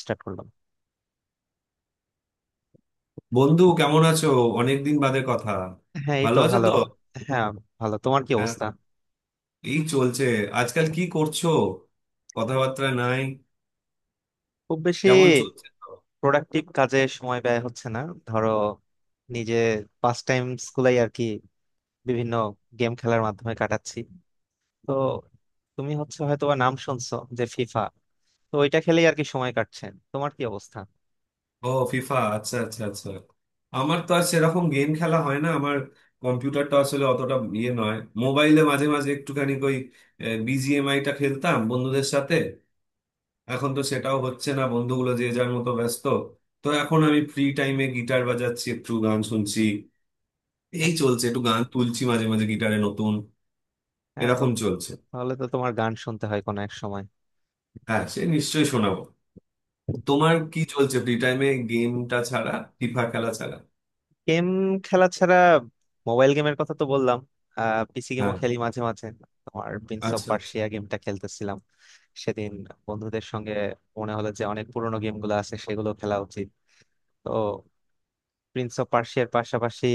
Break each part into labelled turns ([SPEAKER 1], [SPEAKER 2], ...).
[SPEAKER 1] Start করলাম।
[SPEAKER 2] বন্ধু, কেমন আছো? অনেকদিন বাদে কথা।
[SPEAKER 1] হ্যাঁ, এই
[SPEAKER 2] ভালো
[SPEAKER 1] তো
[SPEAKER 2] আছো
[SPEAKER 1] ভালো।
[SPEAKER 2] তো?
[SPEAKER 1] হ্যাঁ। ভালো, তোমার কি
[SPEAKER 2] হ্যাঁ,
[SPEAKER 1] অবস্থা?
[SPEAKER 2] এই চলছে। আজকাল কি করছো? কথাবার্তা নাই।
[SPEAKER 1] খুব বেশি
[SPEAKER 2] কেমন চলছে তো?
[SPEAKER 1] প্রোডাক্টিভ কাজে সময় ব্যয় হচ্ছে না। ধরো নিজে পাস টাইম স্কুলেই আর কি। বিভিন্ন গেম খেলার মাধ্যমে কাটাচ্ছি। তো তুমি হচ্ছে হয়তো বা নাম শুনছো যে ফিফা। তো ওইটা খেলেই আর কি সময় কাটছে। তোমার কি অবস্থা?
[SPEAKER 2] ও, ফিফা? আচ্ছা, আচ্ছা, আচ্ছা। আমার তো আর সেরকম গেম খেলা হয় না আমার। কম্পিউটারটা আসলে অতটা ইয়ে নয়। মোবাইলে মাঝে মাঝে একটুখানি ওই বিজিএমআই টা খেলতাম বন্ধুদের সাথে। এখন তো সেটাও হচ্ছে না, বন্ধুগুলো যে যার মতো ব্যস্ত। তো এখন আমি ফ্রি টাইমে গিটার বাজাচ্ছি, একটু গান শুনছি। এই
[SPEAKER 1] আচ্ছা।
[SPEAKER 2] চলছে, একটু গান তুলছি মাঝে মাঝে গিটারে নতুন।
[SPEAKER 1] হ্যাঁ, তো
[SPEAKER 2] এরকম চলছে।
[SPEAKER 1] তাহলে তো তোমার গান শুনতে হয় কোনো এক সময়।
[SPEAKER 2] হ্যাঁ, সে নিশ্চয়ই শোনাবো। তোমার কি চলছে ফ্রি টাইমে, গেমটা ছাড়া? ফিফা খেলা ছাড়া?
[SPEAKER 1] গেম খেলা ছাড়া। মোবাইল গেমের কথা তো বললাম। পিসি গেমও
[SPEAKER 2] হ্যাঁ।
[SPEAKER 1] খেলি মাঝে মাঝে। তোমার প্রিন্স অফ
[SPEAKER 2] আচ্ছা, আচ্ছা।
[SPEAKER 1] পার্সিয়া গেমটা খেলতেছিলাম সেদিন বন্ধুদের সঙ্গে। মনে হলো যে অনেক পুরোনো গেমগুলো আছে সেগুলো খেলা উচিত। তো প্রিন্স অফ পার্সিয়ার পাশাপাশি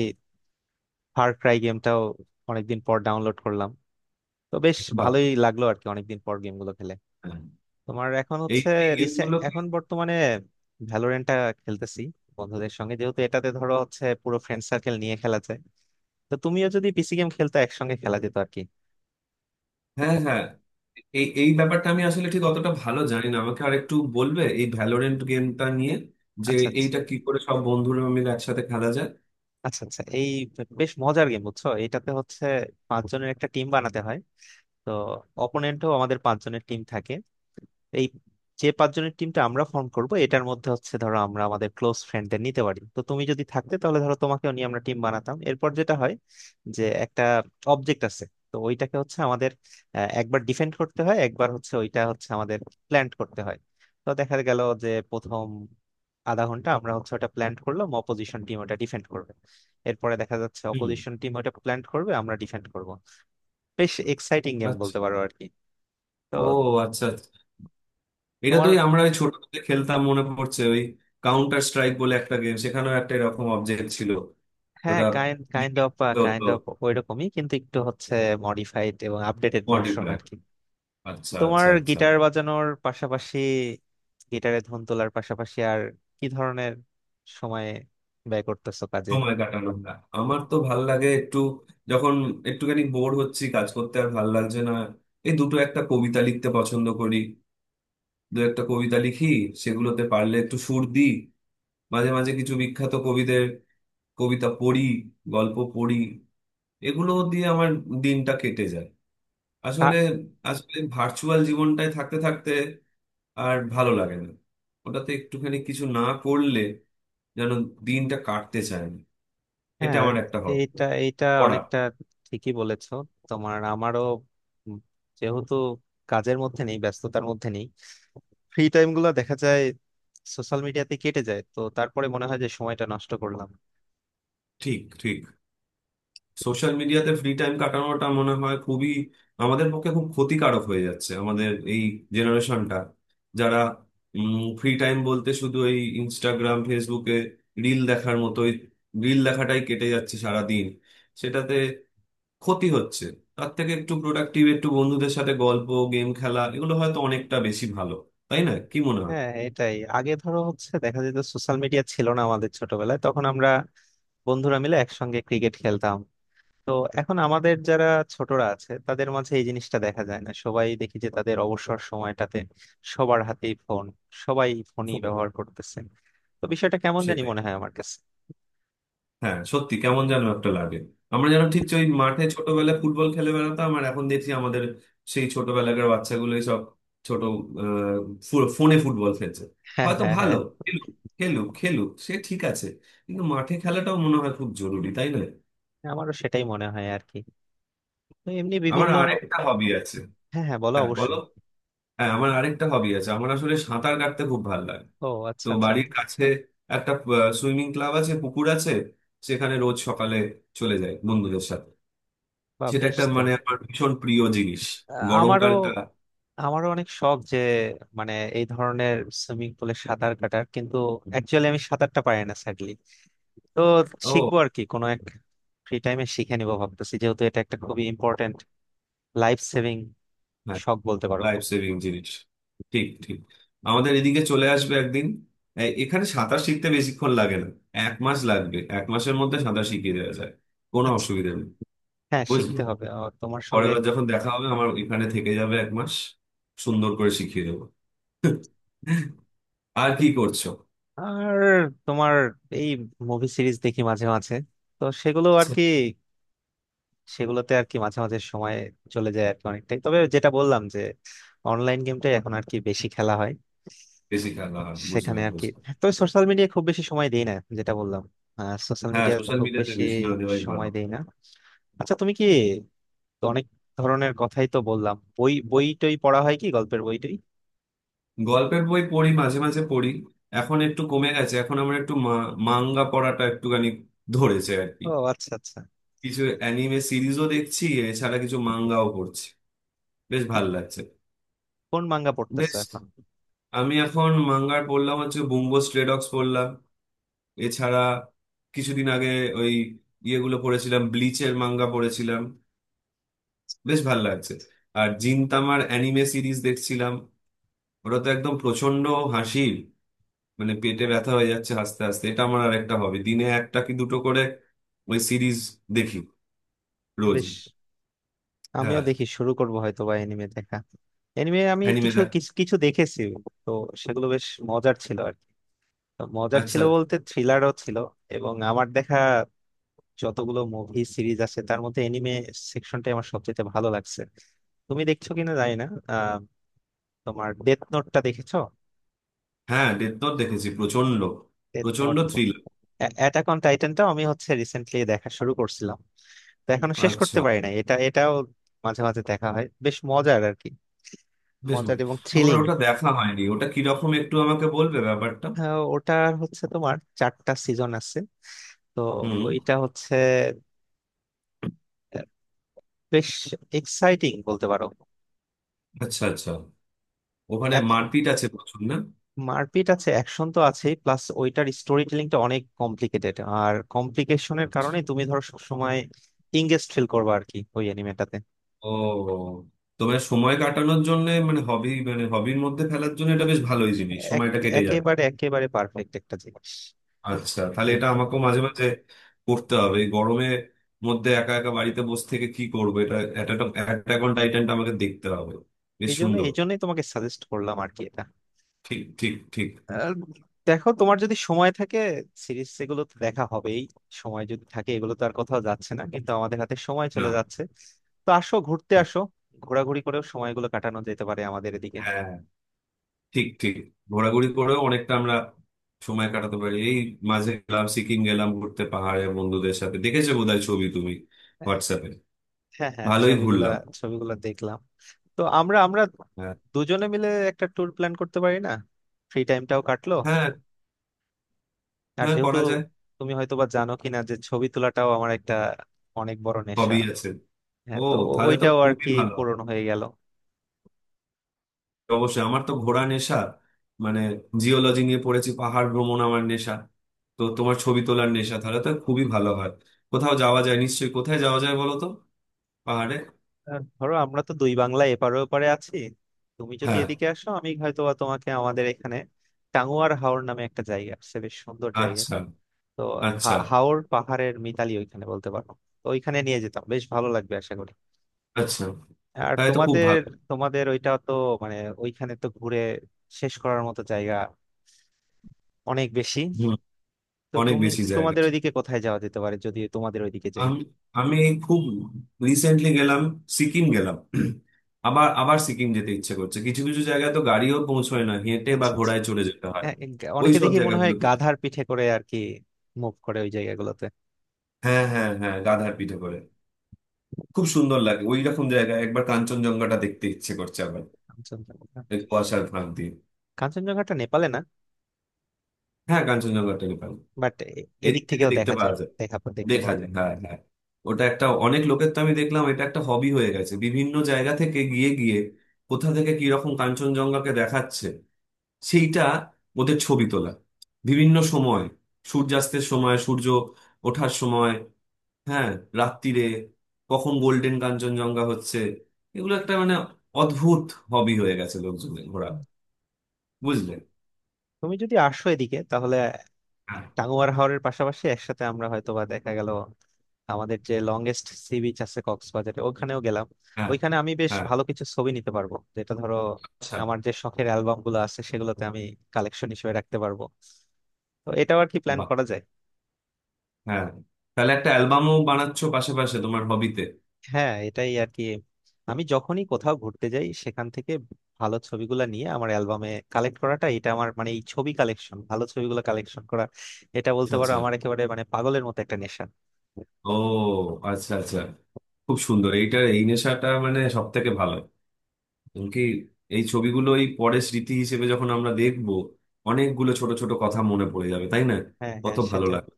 [SPEAKER 1] ফার ক্রাই গেমটাও অনেকদিন পর ডাউনলোড করলাম। তো বেশ
[SPEAKER 2] বাহ।
[SPEAKER 1] ভালোই লাগলো আর কি, অনেকদিন পর গেমগুলো খেলে।
[SPEAKER 2] হ্যাঁ।
[SPEAKER 1] তোমার এখন
[SPEAKER 2] এই
[SPEAKER 1] হচ্ছে
[SPEAKER 2] এই গেমগুলো কি?
[SPEAKER 1] এখন বর্তমানে ভ্যালোরেন্টটা খেলতেছি বন্ধুদের সঙ্গে, যেহেতু এটাতে ধরো হচ্ছে পুরো ফ্রেন্ড সার্কেল নিয়ে খেলা যায়। তো তুমিও যদি পিসি গেম খেলতে, একসঙ্গে খেলা যেত আর কি।
[SPEAKER 2] হ্যাঁ, হ্যাঁ। এই এই ব্যাপারটা আমি আসলে ঠিক অতটা ভালো জানি না। আমাকে আরেকটু বলবে এই ভ্যালোরেন্ট গেমটা নিয়ে? যে
[SPEAKER 1] আচ্ছা, আচ্ছা,
[SPEAKER 2] এইটা কি করে সব বন্ধুরা মিলে একসাথে খেলা যায়?
[SPEAKER 1] আচ্ছা, আচ্ছা। এই, বেশ মজার গেম বুঝছো। এটাতে হচ্ছে পাঁচজনের একটা টিম বানাতে হয়। তো অপোনেন্টও আমাদের পাঁচজনের টিম থাকে। এই যে পাঁচজনের টিমটা আমরা ফর্ম করব, এটার মধ্যে হচ্ছে ধরো আমরা আমাদের ক্লোজ ফ্রেন্ডদের নিতে পারি। তো তুমি যদি থাকতে তাহলে ধরো তোমাকেও নিয়ে আমরা টিম বানাতাম। এরপর যেটা হয় যে একটা অবজেক্ট আছে। তো ওইটাকে হচ্ছে আমাদের একবার ডিফেন্ড করতে হয়, একবার হচ্ছে ওইটা হচ্ছে আমাদের প্ল্যান্ট করতে হয়। তো দেখা গেল যে প্রথম আধা ঘন্টা আমরা হচ্ছে ওটা প্ল্যান্ট করলাম, অপোজিশন টিম ওটা ডিফেন্ড করবে। এরপরে দেখা যাচ্ছে
[SPEAKER 2] হুম।
[SPEAKER 1] অপোজিশন টিম ওটা প্ল্যান্ট করবে, আমরা ডিফেন্ড করব। বেশ এক্সাইটিং গেম বলতে
[SPEAKER 2] আচ্ছা।
[SPEAKER 1] পারো আর কি। তো
[SPEAKER 2] ও, আচ্ছা, আচ্ছা। এটা
[SPEAKER 1] তোমার।
[SPEAKER 2] তুই, আমরা ওই ছোটবেলায় খেলতাম মনে পড়ছে, ওই কাউন্টার স্ট্রাইক বলে একটা গেম, সেখানেও একটা এরকম অবজেক্ট ছিল।
[SPEAKER 1] হ্যাঁ,
[SPEAKER 2] ওটা
[SPEAKER 1] কাইন্ড কাইন্ড
[SPEAKER 2] depend
[SPEAKER 1] অফ।
[SPEAKER 2] করতে হতো।
[SPEAKER 1] কাইন্ড অফ ওইরকমই, কিন্তু একটু হচ্ছে মডিফাইড এবং আপডেটেড ভার্সন
[SPEAKER 2] মডিফাই।
[SPEAKER 1] আর কি।
[SPEAKER 2] আচ্ছা,
[SPEAKER 1] তোমার
[SPEAKER 2] আচ্ছা, আচ্ছা।
[SPEAKER 1] গিটার বাজানোর পাশাপাশি, গিটারে ধুন তোলার পাশাপাশি, আর কি ধরনের সময়ে ব্যয় করতেছো কাজে?
[SPEAKER 2] সময় কাটানো না। আমার তো ভাল লাগে একটু, যখন একটুখানি বোর হচ্ছি কাজ করতে আর ভাল লাগছে না, এই দুটো একটা কবিতা লিখতে পছন্দ করি। দু একটা কবিতা লিখি, সেগুলোতে পারলে একটু সুর দিই। মাঝে মাঝে কিছু বিখ্যাত কবিদের কবিতা পড়ি, গল্প পড়ি। এগুলো দিয়ে আমার দিনটা কেটে যায়। আসলে
[SPEAKER 1] আ-
[SPEAKER 2] আসলে ভার্চুয়াল জীবনটায় থাকতে থাকতে আর ভালো লাগে না। ওটাতে একটুখানি কিছু না করলে যেন দিনটা কাটতে চায় না। এটা
[SPEAKER 1] হ্যাঁ,
[SPEAKER 2] আমার একটা হব,
[SPEAKER 1] এইটা এইটা
[SPEAKER 2] পড়া।
[SPEAKER 1] অনেকটা ঠিকই বলেছো। তোমার আমারও উম যেহেতু কাজের মধ্যে নেই, ব্যস্ততার মধ্যে নেই, ফ্রি টাইম গুলো দেখা যায় সোশ্যাল মিডিয়াতে কেটে যায়, তো তারপরে মনে হয় যে সময়টা নষ্ট করলাম।
[SPEAKER 2] ঠিক, ঠিক। সোশ্যাল মিডিয়াতে ফ্রি টাইম কাটানোটা মনে হয় খুবই আমাদের পক্ষে খুব ক্ষতিকারক হয়ে যাচ্ছে। আমাদের এই জেনারেশনটা, যারা ফ্রি টাইম বলতে শুধু এই ইনস্টাগ্রাম ফেসবুকে রিল দেখার মতোই, রিল দেখাটাই কেটে যাচ্ছে সারা দিন। সেটাতে ক্ষতি হচ্ছে। তার থেকে একটু প্রোডাক্টিভ, একটু বন্ধুদের সাথে গল্প, গেম খেলা, এগুলো হয়তো অনেকটা বেশি ভালো, তাই না? কি মনে হয়?
[SPEAKER 1] হ্যাঁ, এটাই আগে ধরো হচ্ছে দেখা যেত, সোশ্যাল মিডিয়া ছিল না আমাদের ছোটবেলায়, তখন আমরা বন্ধুরা মিলে একসঙ্গে ক্রিকেট খেলতাম। তো এখন আমাদের যারা ছোটরা আছে তাদের মাঝে এই জিনিসটা দেখা যায় না। সবাই দেখি যে তাদের অবসর সময়টাতে সবার হাতেই ফোন, সবাই ফোনই
[SPEAKER 2] সেটাই,
[SPEAKER 1] ব্যবহার করতেছে। তো বিষয়টা কেমন জানি
[SPEAKER 2] সেটাই।
[SPEAKER 1] মনে হয় আমার কাছে।
[SPEAKER 2] হ্যাঁ, সত্যি কেমন যেন একটা লাগে। আমরা যেন ঠিক ওই মাঠে ছোটবেলায় ফুটবল খেলে বেড়াতাম, আর এখন দেখছি আমাদের সেই ছোটবেলাকার বাচ্চাগুলোই সব ছোট আহ, ফোনে ফুটবল খেলছে।
[SPEAKER 1] হ্যাঁ,
[SPEAKER 2] হয়তো
[SPEAKER 1] হ্যাঁ,
[SPEAKER 2] ভালো।
[SPEAKER 1] হ্যাঁ।
[SPEAKER 2] খেলুক, খেলুক, খেলুক, সে ঠিক আছে। কিন্তু মাঠে খেলাটাও মনে হয় খুব জরুরি, তাই না?
[SPEAKER 1] আমারও সেটাই মনে হয় আর কি। তো এমনি
[SPEAKER 2] আমার
[SPEAKER 1] বিভিন্ন।
[SPEAKER 2] আরেকটা হবি আছে।
[SPEAKER 1] হ্যাঁ, হ্যাঁ, বলো
[SPEAKER 2] হ্যাঁ, বলো।
[SPEAKER 1] অবশ্যই।
[SPEAKER 2] হ্যাঁ, আমার আরেকটা হবি আছে। আমার আসলে সাঁতার কাটতে খুব ভালো লাগে।
[SPEAKER 1] ও,
[SPEAKER 2] তো
[SPEAKER 1] আচ্ছা আচ্ছা।
[SPEAKER 2] বাড়ির কাছে একটা সুইমিং ক্লাব আছে, পুকুর আছে। সেখানে রোজ সকালে চলে যাই বন্ধুদের সাথে।
[SPEAKER 1] বা
[SPEAKER 2] সেটা
[SPEAKER 1] বেশ
[SPEAKER 2] একটা
[SPEAKER 1] তো।
[SPEAKER 2] মানে আমার ভীষণ প্রিয় জিনিস।
[SPEAKER 1] আমারও,
[SPEAKER 2] গরমকালটা।
[SPEAKER 1] অনেক শখ যে, মানে এই ধরনের সুইমিং পুলে সাঁতার কাটার, কিন্তু অ্যাকচুয়ালি আমি সাঁতারটা পারি না, স্যাডলি। তো শিখবো
[SPEAKER 2] ও।
[SPEAKER 1] আর কি কোনো এক ফ্রি টাইমে, শিখে নিবো ভাবতেছি, যেহেতু এটা একটা খুবই ইম্পর্টেন্ট লাইফ সেভিং
[SPEAKER 2] হ্যাঁ।
[SPEAKER 1] শখ বলতে পারো।
[SPEAKER 2] লাইফ সেভিং জিনিস। ঠিক, ঠিক। আমাদের এদিকে চলে আসবে একদিন। এখানে সাঁতার শিখতে বেশিক্ষণ লাগে না। 1 মাস লাগবে, এক মাসের মধ্যে সাঁতার শিখিয়ে দেওয়া যায়। কোনো
[SPEAKER 1] আচ্ছা,
[SPEAKER 2] অসুবিধা নেই।
[SPEAKER 1] হ্যাঁ
[SPEAKER 2] বুঝলি,
[SPEAKER 1] শিখতে হবে আর তোমার
[SPEAKER 2] পরের
[SPEAKER 1] সঙ্গে।
[SPEAKER 2] বার যখন দেখা হবে আমার এখানে থেকে যাবে 1 মাস, সুন্দর করে শিখিয়ে দেবো। আর কি করছো?
[SPEAKER 1] আর তোমার এই, মুভি সিরিজ দেখি মাঝে মাঝে। তো সেগুলো আর কি, সেগুলোতে আর কি মাঝে মাঝে সময় চলে যায় আর কি অনেকটাই। তবে যেটা বললাম, যে অনলাইন গেমটাই এখন আর কি বেশি খেলা হয়,
[SPEAKER 2] বেশি খেলা হয়,
[SPEAKER 1] সেখানে
[SPEAKER 2] বুঝলাম,
[SPEAKER 1] আর কি।
[SPEAKER 2] বুঝলাম।
[SPEAKER 1] তবে সোশ্যাল মিডিয়া খুব বেশি সময় দেই না, যেটা বললাম, সোশ্যাল
[SPEAKER 2] হ্যাঁ,
[SPEAKER 1] মিডিয়া
[SPEAKER 2] সোশ্যাল
[SPEAKER 1] খুব
[SPEAKER 2] মিডিয়াতে
[SPEAKER 1] বেশি
[SPEAKER 2] বেশি না দেওয়াই ভালো।
[SPEAKER 1] সময় দেই না। আচ্ছা, তুমি কি, তো অনেক ধরনের কথাই তো বললাম, বই বই টই পড়া হয় কি, গল্পের বই টই?
[SPEAKER 2] গল্পের বই পড়ি, মাঝে মাঝে পড়ি। এখন একটু কমে গেছে, এখন আমার একটু মাঙ্গা পড়াটা একটুখানি ধরেছে আর কি।
[SPEAKER 1] ও আচ্ছা আচ্ছা।
[SPEAKER 2] কিছু অ্যানিমে সিরিজও দেখছি, এছাড়া কিছু মাঙ্গাও পড়ছি। বেশ
[SPEAKER 1] কি-
[SPEAKER 2] ভালো লাগছে।
[SPEAKER 1] কোন মাঙ্গা
[SPEAKER 2] বেশ,
[SPEAKER 1] পড়তেছো এখন?
[SPEAKER 2] আমি এখন মাঙ্গার পড়লাম হচ্ছে বুম্বো স্ট্রে ডগস পড়লাম। এছাড়া কিছুদিন আগে ওই ইয়েগুলো পড়েছিলাম, ব্লিচের মাঙ্গা পড়েছিলাম। বেশ ভালো লাগছে। আর জিনতামার অ্যানিমে সিরিজ দেখছিলাম। ওটা তো একদম প্রচন্ড হাসির, মানে পেটে ব্যথা হয়ে যাচ্ছে হাসতে হাসতে। এটা আমার আর একটা হবে, দিনে একটা কি দুটো করে ওই সিরিজ দেখি রোজ।
[SPEAKER 1] বেশ। আমিও
[SPEAKER 2] হ্যাঁ।
[SPEAKER 1] দেখি শুরু করবো হয়তো বা এনিমে দেখা। এনিমে আমি
[SPEAKER 2] অ্যানিমে
[SPEAKER 1] কিছু
[SPEAKER 2] দেখ।
[SPEAKER 1] কিছু কিছু দেখেছি। তো সেগুলো বেশ মজার ছিল আর কি। তো মজার
[SPEAKER 2] আচ্ছা।
[SPEAKER 1] ছিল বলতে, থ্রিলারও ছিল। এবং আমার দেখা যতগুলো মুভি সিরিজ আছে তার মধ্যে এনিমে সেকশনটাই আমার সবচেয়ে ভালো লাগছে। তুমি দেখছো কিনা জানি না। আহ তোমার ডেথ নোটটা দেখেছো?
[SPEAKER 2] হ্যাঁ, ডেথ নোট দেখেছি, প্রচন্ড
[SPEAKER 1] ডেথ
[SPEAKER 2] প্রচন্ড
[SPEAKER 1] নোট।
[SPEAKER 2] থ্রিল।
[SPEAKER 1] অ্যাটাক অন টাইটানটাও আমি হচ্ছে রিসেন্টলি দেখা শুরু করছিলাম। তো এখনো শেষ
[SPEAKER 2] আচ্ছা।
[SPEAKER 1] করতে পারি নাই এটা, এটাও মাঝে মাঝে দেখা হয়, বেশ মজার আর কি।
[SPEAKER 2] বেশ
[SPEAKER 1] মজার
[SPEAKER 2] বলি।
[SPEAKER 1] এবং
[SPEAKER 2] আমার
[SPEAKER 1] থ্রিলিং।
[SPEAKER 2] ওটা দেখা হয়নি, ওটা কিরকম একটু আমাকে বলবে ব্যাপারটা?
[SPEAKER 1] ওটার হচ্ছে তোমার চারটা সিজন আছে। তো
[SPEAKER 2] হুম।
[SPEAKER 1] ওইটা হচ্ছে আহ, বেশ এক্সাইটিং বলতে পারো।
[SPEAKER 2] আচ্ছা, আচ্ছা। ওখানে
[SPEAKER 1] এত
[SPEAKER 2] মারপিট আছে প্রচুর, না?
[SPEAKER 1] মারপিট আছে, অ্যাকশন তো আছেই, প্লাস ওইটার স্টোরি টেলিংটা অনেক কমপ্লিকেটেড। আর কমপ্লিকেশনের
[SPEAKER 2] আচ্ছা।
[SPEAKER 1] কারণে তুমি ধরো সবসময় ইংগেজ ফিল করবে আর কি ওই অ্যানিমেটাতে।
[SPEAKER 2] ও, তোমার সময় কাটানোর জন্য, মানে হবি, মানে হবির মধ্যে ফেলার জন্য এটা বেশ ভালোই জিনিস, সময়টা কেটে যাবে।
[SPEAKER 1] একেবারে একেবারে পারফেক্ট একটা জিনিস।
[SPEAKER 2] আচ্ছা, তাহলে এটা
[SPEAKER 1] দেখবা
[SPEAKER 2] আমাকেও মাঝে মাঝে করতে হবে। এই গরমের মধ্যে একা একা বাড়িতে বসে থেকে কি করবো, এটা অ্যাটাক অন টাইটানটা আমাকে দেখতে হবে। বেশ
[SPEAKER 1] এই জন্য,
[SPEAKER 2] সুন্দর।
[SPEAKER 1] এই জন্যই তোমাকে সাজেস্ট করলাম আর কি এটা।
[SPEAKER 2] ঠিক, ঠিক, ঠিক।
[SPEAKER 1] আর দেখো, তোমার যদি সময় থাকে সিরিজ এগুলো তো দেখা হবেই। সময় যদি থাকে, এগুলো তো আর কোথাও যাচ্ছে না, কিন্তু আমাদের হাতে সময়
[SPEAKER 2] না।
[SPEAKER 1] চলে যাচ্ছে। তো আসো, ঘুরতে
[SPEAKER 2] ঠিক।
[SPEAKER 1] আসো। ঘোরাঘুরি করেও সময়গুলো কাটানো যেতে পারে আমাদের এদিকে।
[SPEAKER 2] হ্যাঁ। ঠিক, ঠিক। ঘোরাঘুরি করেও অনেকটা আমরা সময় কাটাতে পারি। এই মাঝে গেলাম, সিকিম গেলাম ঘুরতে পাহাড়ে বন্ধুদের সাথে। দেখেছো বোধহয় ছবি তুমি হোয়াটসঅ্যাপে।
[SPEAKER 1] হ্যাঁ, হ্যাঁ,
[SPEAKER 2] ভালোই
[SPEAKER 1] ছবিগুলা
[SPEAKER 2] ঘুরলাম।
[SPEAKER 1] ছবিগুলা দেখলাম। তো আমরা আমরা
[SPEAKER 2] হ্যাঁ,
[SPEAKER 1] দুজনে মিলে একটা ট্যুর প্ল্যান করতে পারি না? ফ্রি টাইমটাও কাটলো।
[SPEAKER 2] হ্যাঁ,
[SPEAKER 1] আর
[SPEAKER 2] হ্যাঁ,
[SPEAKER 1] যেহেতু
[SPEAKER 2] করা যায়।
[SPEAKER 1] তুমি হয়তো বা জানো কিনা যে ছবি তোলাটাও আমার একটা অনেক বড় নেশা।
[SPEAKER 2] সবই আছে। ও,
[SPEAKER 1] হ্যাঁ, তো
[SPEAKER 2] তাহলে তো
[SPEAKER 1] ওইটাও আর
[SPEAKER 2] খুবই
[SPEAKER 1] কি
[SPEAKER 2] ভালো।
[SPEAKER 1] পূরণ হয়ে গেল।
[SPEAKER 2] অবশ্যই, আমার তো ঘোরা নেশা। মানে জিওলজি নিয়ে পড়েছি, পাহাড় ভ্রমণ আমার নেশা। তো তোমার ছবি তোলার নেশা, তাহলে তো খুবই ভালো হয়। কোথাও যাওয়া যায় নিশ্চয়ই। কোথায় যাওয়া যায় বলো তো? পাহাড়ে।
[SPEAKER 1] আর ধরো, আমরা তো দুই বাংলা এপারে ওপারে আছি। তুমি যদি
[SPEAKER 2] হ্যাঁ।
[SPEAKER 1] এদিকে আসো, আমি হয়তো বা তোমাকে আমাদের এখানে, টাঙ্গুয়ার হাওর নামে একটা জায়গা আছে, বেশ সুন্দর জায়গা।
[SPEAKER 2] আচ্ছা,
[SPEAKER 1] তো
[SPEAKER 2] আচ্ছা,
[SPEAKER 1] হাওর পাহাড়ের মিতালি ওইখানে বলতে পারো। তো ওইখানে নিয়ে যেতাম, বেশ ভালো লাগবে আশা করি।
[SPEAKER 2] আচ্ছা।
[SPEAKER 1] আর
[SPEAKER 2] তাহলে তো খুব
[SPEAKER 1] তোমাদের,
[SPEAKER 2] ভালো।
[SPEAKER 1] ওইটা তো মানে ওইখানে তো ঘুরে শেষ করার মতো জায়গা অনেক বেশি।
[SPEAKER 2] হুম।
[SPEAKER 1] তো
[SPEAKER 2] অনেক
[SPEAKER 1] তুমি,
[SPEAKER 2] বেশি জায়গা
[SPEAKER 1] তোমাদের
[SPEAKER 2] আছে।
[SPEAKER 1] ওইদিকে কোথায় যাওয়া যেতে পারে যদি তোমাদের ওইদিকে যাই?
[SPEAKER 2] আমি, আমি এই খুব রিসেন্টলি গেলাম, সিকিম গেলাম। আবার, আবার সিকিম যেতে ইচ্ছে করছে। কিছু কিছু জায়গায় তো গাড়িও পৌঁছয় না, হেঁটে বা
[SPEAKER 1] আচ্ছা আচ্ছা।
[SPEAKER 2] ঘোড়ায় চলে যেতে হয়।
[SPEAKER 1] হ্যাঁ, এই
[SPEAKER 2] ওই
[SPEAKER 1] অনেকে
[SPEAKER 2] সব
[SPEAKER 1] দেখি মনে হয়
[SPEAKER 2] জায়গাগুলোতে।
[SPEAKER 1] গাধার পিঠে করে আর কি মুভ করে ওই জায়গাগুলোতে।
[SPEAKER 2] হ্যাঁ, হ্যাঁ, হ্যাঁ, গাধার পিঠে করে। খুব সুন্দর লাগে ওই রকম জায়গা। একবার কাঞ্চনজঙ্ঘাটা দেখতে ইচ্ছে করছে আবার,
[SPEAKER 1] কাঞ্চনজঙ্ঘা।
[SPEAKER 2] এই কুয়াশার ফাঁক দিয়ে।
[SPEAKER 1] কাঞ্চনজঙ্ঘাটা নেপালে না?
[SPEAKER 2] হ্যাঁ, কাঞ্চনজঙ্ঘাটা নেপাল,
[SPEAKER 1] বাট এদিক
[SPEAKER 2] এদিক থেকে
[SPEAKER 1] থেকেও
[SPEAKER 2] দেখতে
[SPEAKER 1] দেখা যায়,
[SPEAKER 2] পাওয়া যায়।
[SPEAKER 1] দেখতে
[SPEAKER 2] দেখা
[SPEAKER 1] পাওয়া
[SPEAKER 2] যায়,
[SPEAKER 1] যায়।
[SPEAKER 2] হ্যাঁ, হ্যাঁ। ওটা একটা অনেক লোকের, তো আমি দেখলাম এটা একটা হবি হয়ে গেছে বিভিন্ন জায়গা থেকে গিয়ে গিয়ে কোথা থেকে কি রকম কাঞ্চনজঙ্ঘাকে দেখাচ্ছে সেইটা ওদের ছবি তোলা। বিভিন্ন সময়, সূর্যাস্তের সময়, সূর্য ওঠার সময়, হ্যাঁ, রাত্তিরে, কখন গোল্ডেন কাঞ্চনজঙ্ঘা হচ্ছে, এগুলো একটা মানে অদ্ভুত হবি হয়ে গেছে লোকজনের, ঘোরা।
[SPEAKER 1] হুম।
[SPEAKER 2] বুঝলে।
[SPEAKER 1] তুমি যদি আসো এদিকে তাহলে
[SPEAKER 2] হ্যাঁ,
[SPEAKER 1] টাঙ্গুয়ার হাওরের পাশাপাশি একসাথে আমরা হয়তোবা দেখা গেল, আমাদের যে লংগেস্ট সি বিচ আছে কক্সবাজারে ওখানেও গেলাম।
[SPEAKER 2] হ্যাঁ,
[SPEAKER 1] ওইখানে আমি বেশ
[SPEAKER 2] হ্যাঁ।
[SPEAKER 1] ভালো কিছু ছবি নিতে পারবো, যেটা ধরো
[SPEAKER 2] আচ্ছা।
[SPEAKER 1] আমার যে শখের অ্যালবাম গুলো আছে সেগুলোতে আমি কালেকশন হিসেবে রাখতে পারবো। তো এটাও আর কি প্ল্যান
[SPEAKER 2] বাহ,
[SPEAKER 1] করা যায়।
[SPEAKER 2] হ্যাঁ, তাহলে একটা অ্যালবামও বানাচ্ছো পাশাপাশি তোমার হবিতে।
[SPEAKER 1] হ্যাঁ এটাই আর কি। আমি যখনই কোথাও ঘুরতে যাই সেখান থেকে ভালো ছবিগুলো নিয়ে আমার অ্যালবামে কালেক্ট করাটা, এটা আমার মানে এই ছবি কালেকশন, ভালো ছবিগুলো কালেকশন করা, এটা বলতে পারো
[SPEAKER 2] আচ্ছা।
[SPEAKER 1] আমার একেবারে মানে পাগলের মতো একটা নেশা।
[SPEAKER 2] ও, আচ্ছা, আচ্ছা। খুব সুন্দর এইটা, এই নেশাটা মানে সব থেকে ভালো। এমনকি এই ছবিগুলো এই পরে স্মৃতি হিসেবে যখন আমরা দেখবো, অনেকগুলো ছোট ছোট কথা মনে পড়ে যাবে, তাই না?
[SPEAKER 1] হ্যাঁ,
[SPEAKER 2] কত
[SPEAKER 1] হ্যাঁ
[SPEAKER 2] ভালো
[SPEAKER 1] সেটাই।
[SPEAKER 2] লাগবে।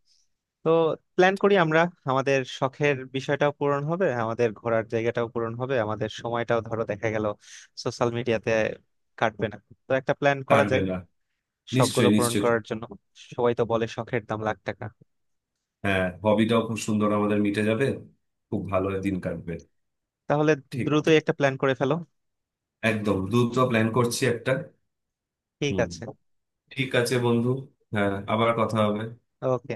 [SPEAKER 1] তো প্ল্যান করি আমরা। আমাদের শখের বিষয়টাও পূরণ হবে, আমাদের ঘোরার জায়গাটাও পূরণ হবে, আমাদের সময়টাও ধরো দেখা গেল সোশ্যাল মিডিয়াতে কাটবে না। তো একটা প্ল্যান করা
[SPEAKER 2] কাটবে
[SPEAKER 1] যায়
[SPEAKER 2] না।
[SPEAKER 1] শখগুলো
[SPEAKER 2] নিশ্চয়ই,
[SPEAKER 1] পূরণ
[SPEAKER 2] নিশ্চয়ই।
[SPEAKER 1] করার জন্য। সবাই তো বলে শখের দাম লাখ টাকা।
[SPEAKER 2] হ্যাঁ, হবিটাও খুব সুন্দর আমাদের মিটে যাবে, খুব ভালো দিন কাটবে।
[SPEAKER 1] তাহলে
[SPEAKER 2] ঠিক, ঠিক।
[SPEAKER 1] দ্রুতই একটা প্ল্যান করে ফেলো।
[SPEAKER 2] একদম দ্রুত প্ল্যান করছি একটা।
[SPEAKER 1] ঠিক
[SPEAKER 2] হুম।
[SPEAKER 1] আছে।
[SPEAKER 2] ঠিক আছে বন্ধু। হ্যাঁ, আবার কথা হবে।
[SPEAKER 1] ওকে।